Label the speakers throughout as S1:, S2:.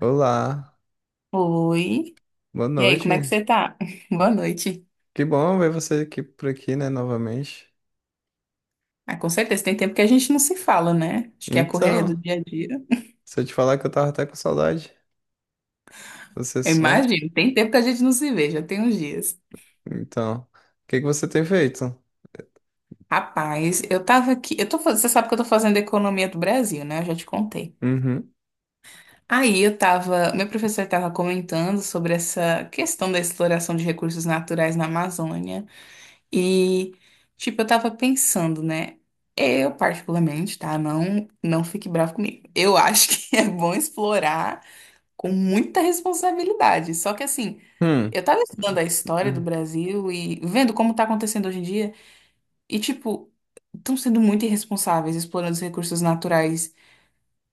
S1: Olá,
S2: Oi.
S1: boa
S2: E aí, como é que
S1: noite.
S2: você tá? Boa noite.
S1: Que bom ver você aqui por aqui, né, novamente.
S2: Ah, com certeza, tem tempo que a gente não se fala, né? Acho que é a correria do
S1: Então,
S2: dia a dia.
S1: se eu te falar que eu tava até com saudade, você
S2: Eu
S1: some.
S2: imagino, tem tempo que a gente não se vê, já tem uns dias.
S1: Então, o que que você tem feito?
S2: Rapaz, eu tava aqui, eu tô, você sabe que eu tô fazendo economia do Brasil, né? Eu já te contei.
S1: Uhum.
S2: Aí eu tava, meu professor tava comentando sobre essa questão da exploração de recursos naturais na Amazônia. E, tipo, eu tava pensando, né? Eu, particularmente, tá? Não, não fique bravo comigo. Eu acho que é bom explorar com muita responsabilidade. Só que, assim,
S1: Hum.
S2: eu tava estudando a história do
S1: Hum.
S2: Brasil e vendo como tá acontecendo hoje em dia. E, tipo, estão sendo muito irresponsáveis explorando os recursos naturais,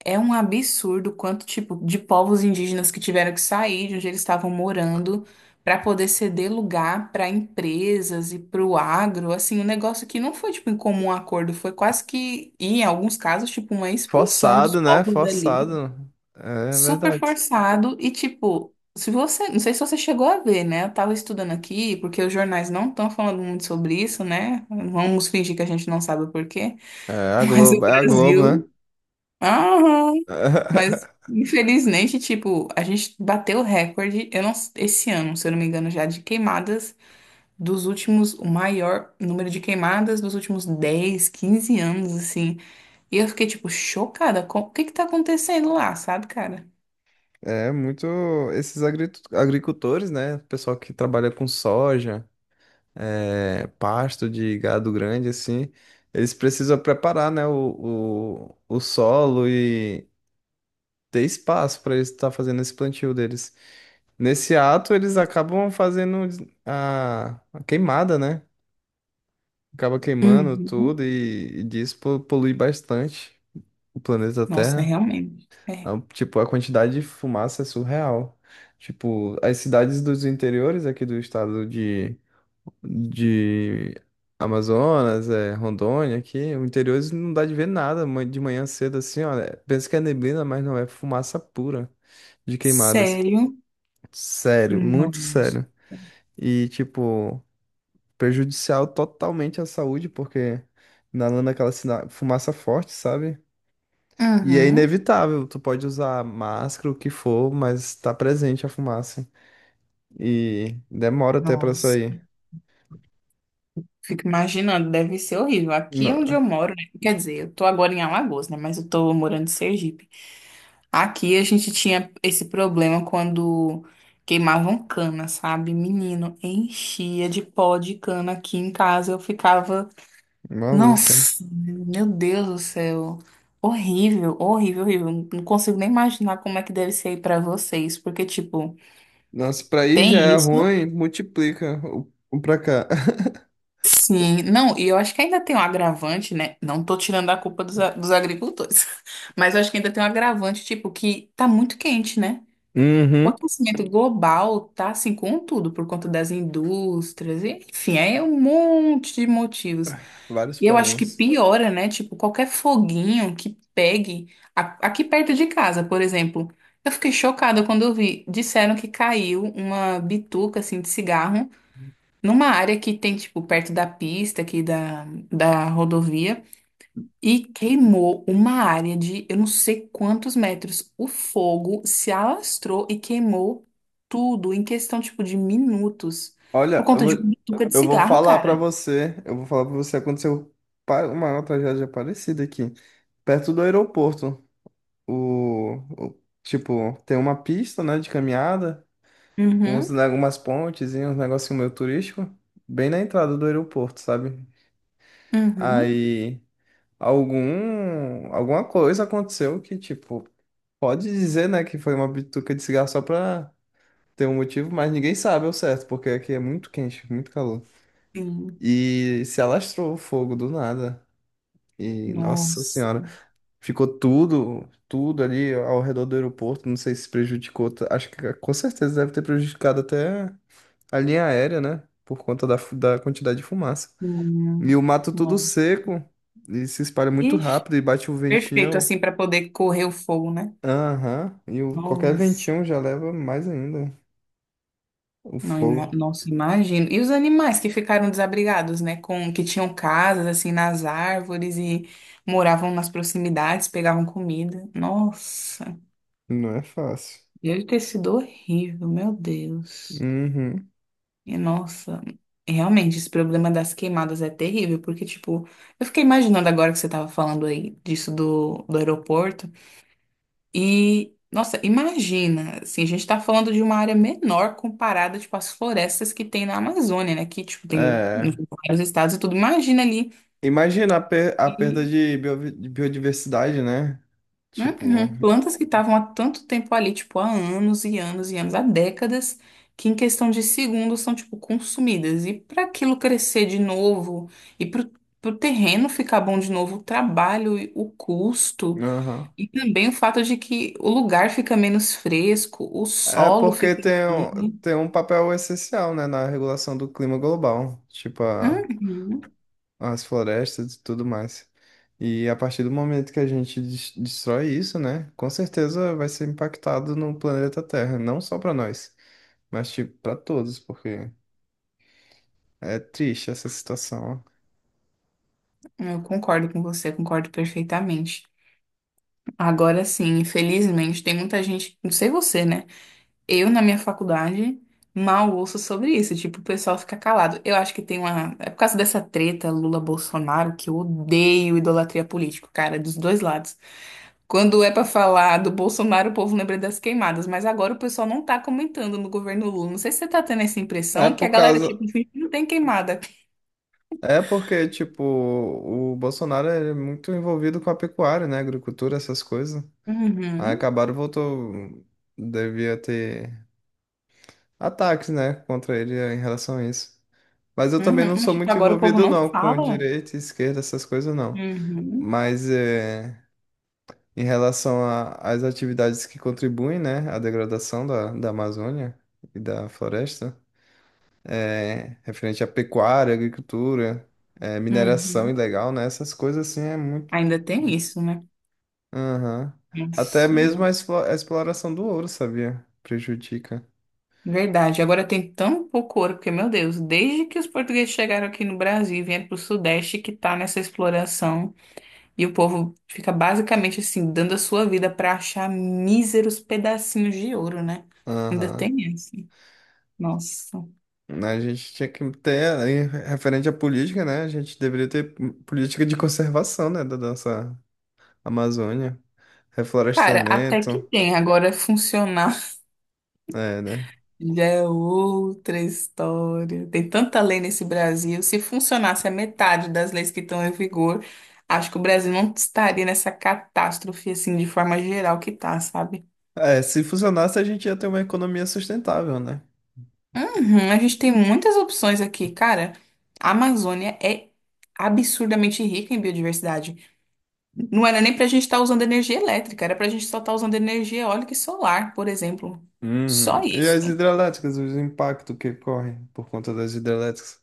S2: é um absurdo o quanto tipo de povos indígenas que tiveram que sair de onde eles estavam morando para poder ceder lugar para empresas e para o agro, assim, um negócio que não foi tipo em comum acordo, foi quase que em alguns casos tipo uma expulsão dos
S1: Forçado, né?
S2: povos dali,
S1: Forçado. É
S2: super
S1: verdade.
S2: forçado e tipo, se você, não sei se você chegou a ver, né? Eu tava estudando aqui porque os jornais não estão falando muito sobre isso, né? Vamos fingir que a gente não sabe o porquê, mas o
S1: É a Globo, né?
S2: Brasil. Aham. Mas, infelizmente, tipo, a gente bateu o recorde, eu não, esse ano, se eu não me engano, já de queimadas dos últimos, o maior número de queimadas dos últimos 10 15 anos, assim. E eu fiquei, tipo, chocada com o que que tá acontecendo lá, sabe, cara?
S1: É muito esses agricultores, né? Pessoal que trabalha com soja. É, pasto de gado grande, assim, eles precisam preparar, né, o solo e ter espaço para eles estar fazendo esse plantio deles. Nesse ato, eles acabam fazendo a queimada, né? Acaba queimando tudo
S2: Uhum.
S1: e disso polui bastante o planeta
S2: Nossa,
S1: Terra.
S2: realmente. É.
S1: Tipo, a quantidade de fumaça é surreal. Tipo, as cidades dos interiores aqui do estado de Amazonas, é, Rondônia, aqui, o interior eles não dá de ver nada de manhã cedo assim, olha. Pensa que é neblina, mas não é fumaça pura de queimadas.
S2: Sério?
S1: Sério, muito
S2: Nossa.
S1: sério. E, tipo, prejudicial totalmente à saúde, porque inalando aquela fumaça forte, sabe? E é
S2: Uhum.
S1: inevitável, tu pode usar máscara, o que for, mas tá presente a fumaça. E demora até pra
S2: Nossa.
S1: sair.
S2: Fico imaginando, deve ser horrível. Aqui
S1: Não,
S2: é onde eu moro, né? Quer dizer, eu tô agora em Alagoas, né? Mas eu tô morando em Sergipe. Aqui a gente tinha esse problema quando queimavam cana, sabe? Menino, enchia de pó de cana aqui em casa. Eu ficava,
S1: maluco.
S2: nossa, meu Deus do céu. Horrível, horrível, horrível. Não consigo nem imaginar como é que deve ser aí pra vocês, porque, tipo,
S1: Nossa, pra aí já
S2: tem
S1: é
S2: isso.
S1: ruim, multiplica o pra cá.
S2: Sim, não, e eu acho que ainda tem um agravante, né? Não tô tirando a culpa dos, dos agricultores, mas eu acho que ainda tem um agravante, tipo, que tá muito quente, né? O
S1: Uhum.
S2: aquecimento global tá assim com tudo, por conta das indústrias, e, enfim, é um monte de motivos.
S1: Vários
S2: E eu acho que
S1: poréns.
S2: piora, né? Tipo, qualquer foguinho que pegue aqui perto de casa, por exemplo. Eu fiquei chocada quando eu vi. Disseram que caiu uma bituca assim de cigarro numa área que tem, tipo, perto da pista aqui da rodovia e queimou uma área de eu não sei quantos metros. O fogo se alastrou e queimou tudo em questão, tipo, de minutos. Por
S1: Olha, eu
S2: conta
S1: vou,
S2: de uma bituca de cigarro, cara.
S1: eu vou falar pra você, aconteceu uma tragédia parecida aqui, perto do aeroporto. Tipo, tem uma pista, né, de caminhada, uns,
S2: Uhum,
S1: né, algumas pontes e uns negocinho meio turístico, bem na entrada do aeroporto, sabe?
S2: uhum.
S1: Aí alguma coisa aconteceu, que tipo, pode dizer, né, que foi uma bituca de cigarro só pra ter um motivo, mas ninguém sabe ao certo, porque aqui é muito quente, muito calor.
S2: Sim.
S1: E se alastrou o fogo do nada. E, nossa
S2: Nossa.
S1: senhora, ficou tudo, tudo ali ao redor do aeroporto, não sei se prejudicou, acho que com certeza deve ter prejudicado até a linha aérea, né, por conta da, da quantidade de fumaça. E
S2: Sim.
S1: o mato tudo
S2: Nossa.
S1: seco, e se espalha muito
S2: Ixi,
S1: rápido, e bate o
S2: perfeito,
S1: ventinho,
S2: assim, para poder correr o fogo, né?
S1: aham, e o, qualquer
S2: Nossa.
S1: ventinho já leva mais ainda. O
S2: Não,
S1: fogo
S2: nossa, imagino. E os animais que ficaram desabrigados, né? Com, que tinham casas assim nas árvores e moravam nas proximidades, pegavam comida. Nossa,
S1: não é fácil.
S2: deve ter sido horrível, meu Deus.
S1: Uhum.
S2: E nossa, realmente, esse problema das queimadas é terrível, porque, tipo, eu fiquei imaginando agora que você tava falando aí disso do aeroporto. E, nossa, imagina, assim, a gente tá falando de uma área menor comparada, tipo, às florestas que tem na Amazônia, né? Que, tipo, tem em
S1: É.
S2: vários estados e tudo. Imagina ali,
S1: Imagina a, a perda
S2: e,
S1: de de biodiversidade, né? Tipo,
S2: uhum, plantas que estavam há tanto tempo ali, tipo, há anos e anos e anos, há décadas, que em questão de segundos são, tipo, consumidas. E para aquilo crescer de novo, e pro terreno ficar bom de novo, o trabalho, e o custo.
S1: aham.
S2: E também o fato de que o lugar fica menos fresco, o
S1: É
S2: solo
S1: porque
S2: fica
S1: tem,
S2: estranho.
S1: tem um papel essencial, né, na regulação do clima global, tipo
S2: Uhum.
S1: as florestas e tudo mais. E a partir do momento que a gente destrói isso, né, com certeza vai ser impactado no planeta Terra, não só para nós, mas tipo para todos, porque é triste essa situação.
S2: Eu concordo com você, concordo perfeitamente. Agora sim, infelizmente, tem muita gente, não sei você, né? Eu na minha faculdade mal ouço sobre isso, tipo, o pessoal fica calado. Eu acho que tem uma. É por causa dessa treta Lula-Bolsonaro que eu odeio idolatria política, cara, dos dois lados. Quando é para falar do Bolsonaro, o povo lembra das queimadas, mas agora o pessoal não tá comentando no governo Lula. Não sei se você tá tendo essa
S1: É
S2: impressão que a
S1: por
S2: galera,
S1: causa
S2: tipo, finge que não tem queimada.
S1: É porque, tipo, o Bolsonaro é muito envolvido com a pecuária, né? Agricultura, essas coisas. Aí
S2: Uhum,
S1: acabaram, voltou. Devia ter ataques, né? Contra ele em relação a isso. Mas eu também não
S2: uhum, mas
S1: sou
S2: tipo,
S1: muito
S2: agora o povo
S1: envolvido,
S2: não
S1: não, com
S2: fala.
S1: direita, e esquerda, essas coisas, não.
S2: Uhum,
S1: Mas é, em relação às atividades que contribuem, né? À degradação da Amazônia e da floresta, é, referente à pecuária, agricultura, é, mineração
S2: uhum.
S1: ilegal, né? Essas coisas, assim, é muito.
S2: Ainda tem isso, né?
S1: Aham. Até
S2: Nossa,
S1: mesmo a a exploração do ouro, sabia? Prejudica.
S2: verdade. Agora tem tão pouco ouro, porque, meu Deus, desde que os portugueses chegaram aqui no Brasil e vieram pro Sudeste que tá nessa exploração. E o povo fica basicamente assim, dando a sua vida para achar míseros pedacinhos de ouro, né? Ainda
S1: Aham.
S2: tem essa. Nossa.
S1: A gente tinha que ter, aí, referente à política, né? A gente deveria ter política de conservação, né? Da nossa Amazônia.
S2: Cara, até que
S1: Reflorestamento.
S2: tem. Agora funcionar
S1: É, né?
S2: já é outra história. Tem tanta lei nesse Brasil. Se funcionasse a metade das leis que estão em vigor, acho que o Brasil não estaria nessa catástrofe assim de forma geral que tá, sabe?
S1: É, se funcionasse, a gente ia ter uma economia sustentável, né?
S2: Uhum, a gente tem muitas opções aqui, cara. A Amazônia é absurdamente rica em biodiversidade. Não era nem para a gente estar usando energia elétrica, era para a gente só estar usando energia eólica e solar, por exemplo.
S1: Uhum.
S2: Só
S1: E
S2: isso.
S1: as hidrelétricas, os impactos que correm por conta das hidrelétricas.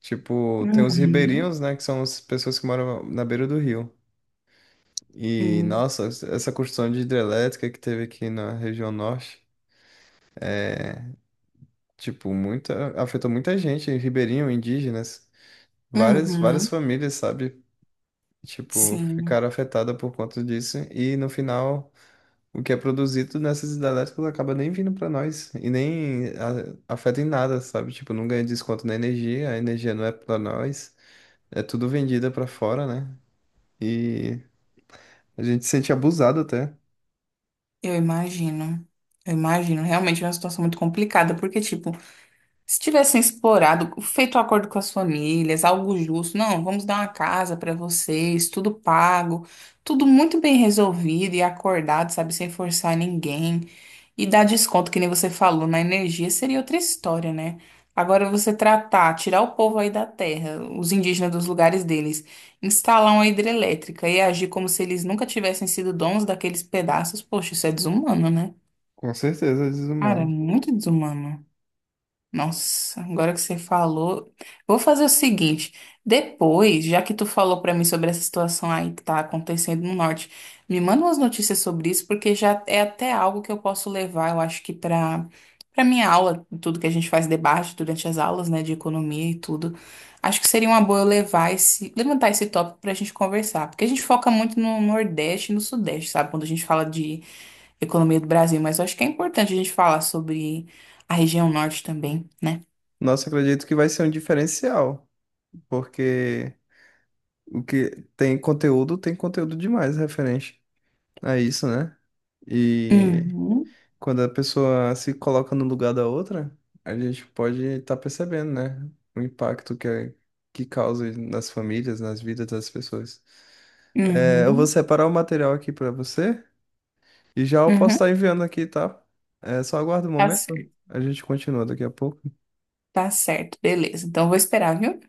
S1: Tipo, tem os
S2: Uhum,
S1: ribeirinhos, né? Que são as pessoas que moram na beira do rio. E,
S2: sim.
S1: nossa, essa construção de hidrelétrica que teve aqui na região norte, tipo, muita, afetou muita gente, ribeirinho, indígenas, várias, várias
S2: Uhum,
S1: famílias, sabe? Tipo,
S2: sim.
S1: ficaram afetadas por conta disso. E no final, o que é produzido nessas hidrelétricas acaba nem vindo para nós e nem afeta em nada, sabe? Tipo, não ganha desconto na energia, a energia não é para nós, é tudo vendida para fora, né? E a gente se sente abusado até,
S2: Eu imagino. Eu imagino. Realmente é uma situação muito complicada, porque, tipo, se tivessem explorado, feito um acordo com as famílias, algo justo, não, vamos dar uma casa para vocês, tudo pago, tudo muito bem resolvido e acordado, sabe, sem forçar ninguém. E dar desconto, que nem você falou, na energia seria outra história, né? Agora você tratar, tirar o povo aí da terra, os indígenas dos lugares deles, instalar uma hidrelétrica e agir como se eles nunca tivessem sido donos daqueles pedaços, poxa, isso é desumano, né?
S1: com certeza,
S2: Cara,
S1: desumano.
S2: muito desumano. Nossa, agora que você falou, eu vou fazer o seguinte, depois, já que tu falou pra mim sobre essa situação aí que tá acontecendo no norte, me manda umas notícias sobre isso, porque já é até algo que eu posso levar, eu acho que pra para minha aula, tudo que a gente faz debate durante as aulas, né, de economia e tudo. Acho que seria uma boa eu levantar esse tópico pra gente conversar, porque a gente foca muito no Nordeste e no Sudeste, sabe? Quando a gente fala de economia do Brasil, mas eu acho que é importante a gente falar sobre a região norte também, né?
S1: Nossa, acredito que vai ser um diferencial, porque o que tem conteúdo demais referente a isso, né? E
S2: Uhum,
S1: quando a pessoa se coloca no lugar da outra, a gente pode estar percebendo, né? O impacto que causa nas famílias, nas vidas das pessoas. É, eu vou
S2: uhum,
S1: separar o material aqui para você e já eu posso
S2: uhum.
S1: estar enviando aqui, tá? É, só aguarda um
S2: Tá
S1: momento,
S2: certo,
S1: a gente continua daqui a pouco.
S2: tá certo, beleza. Então eu vou esperar, viu?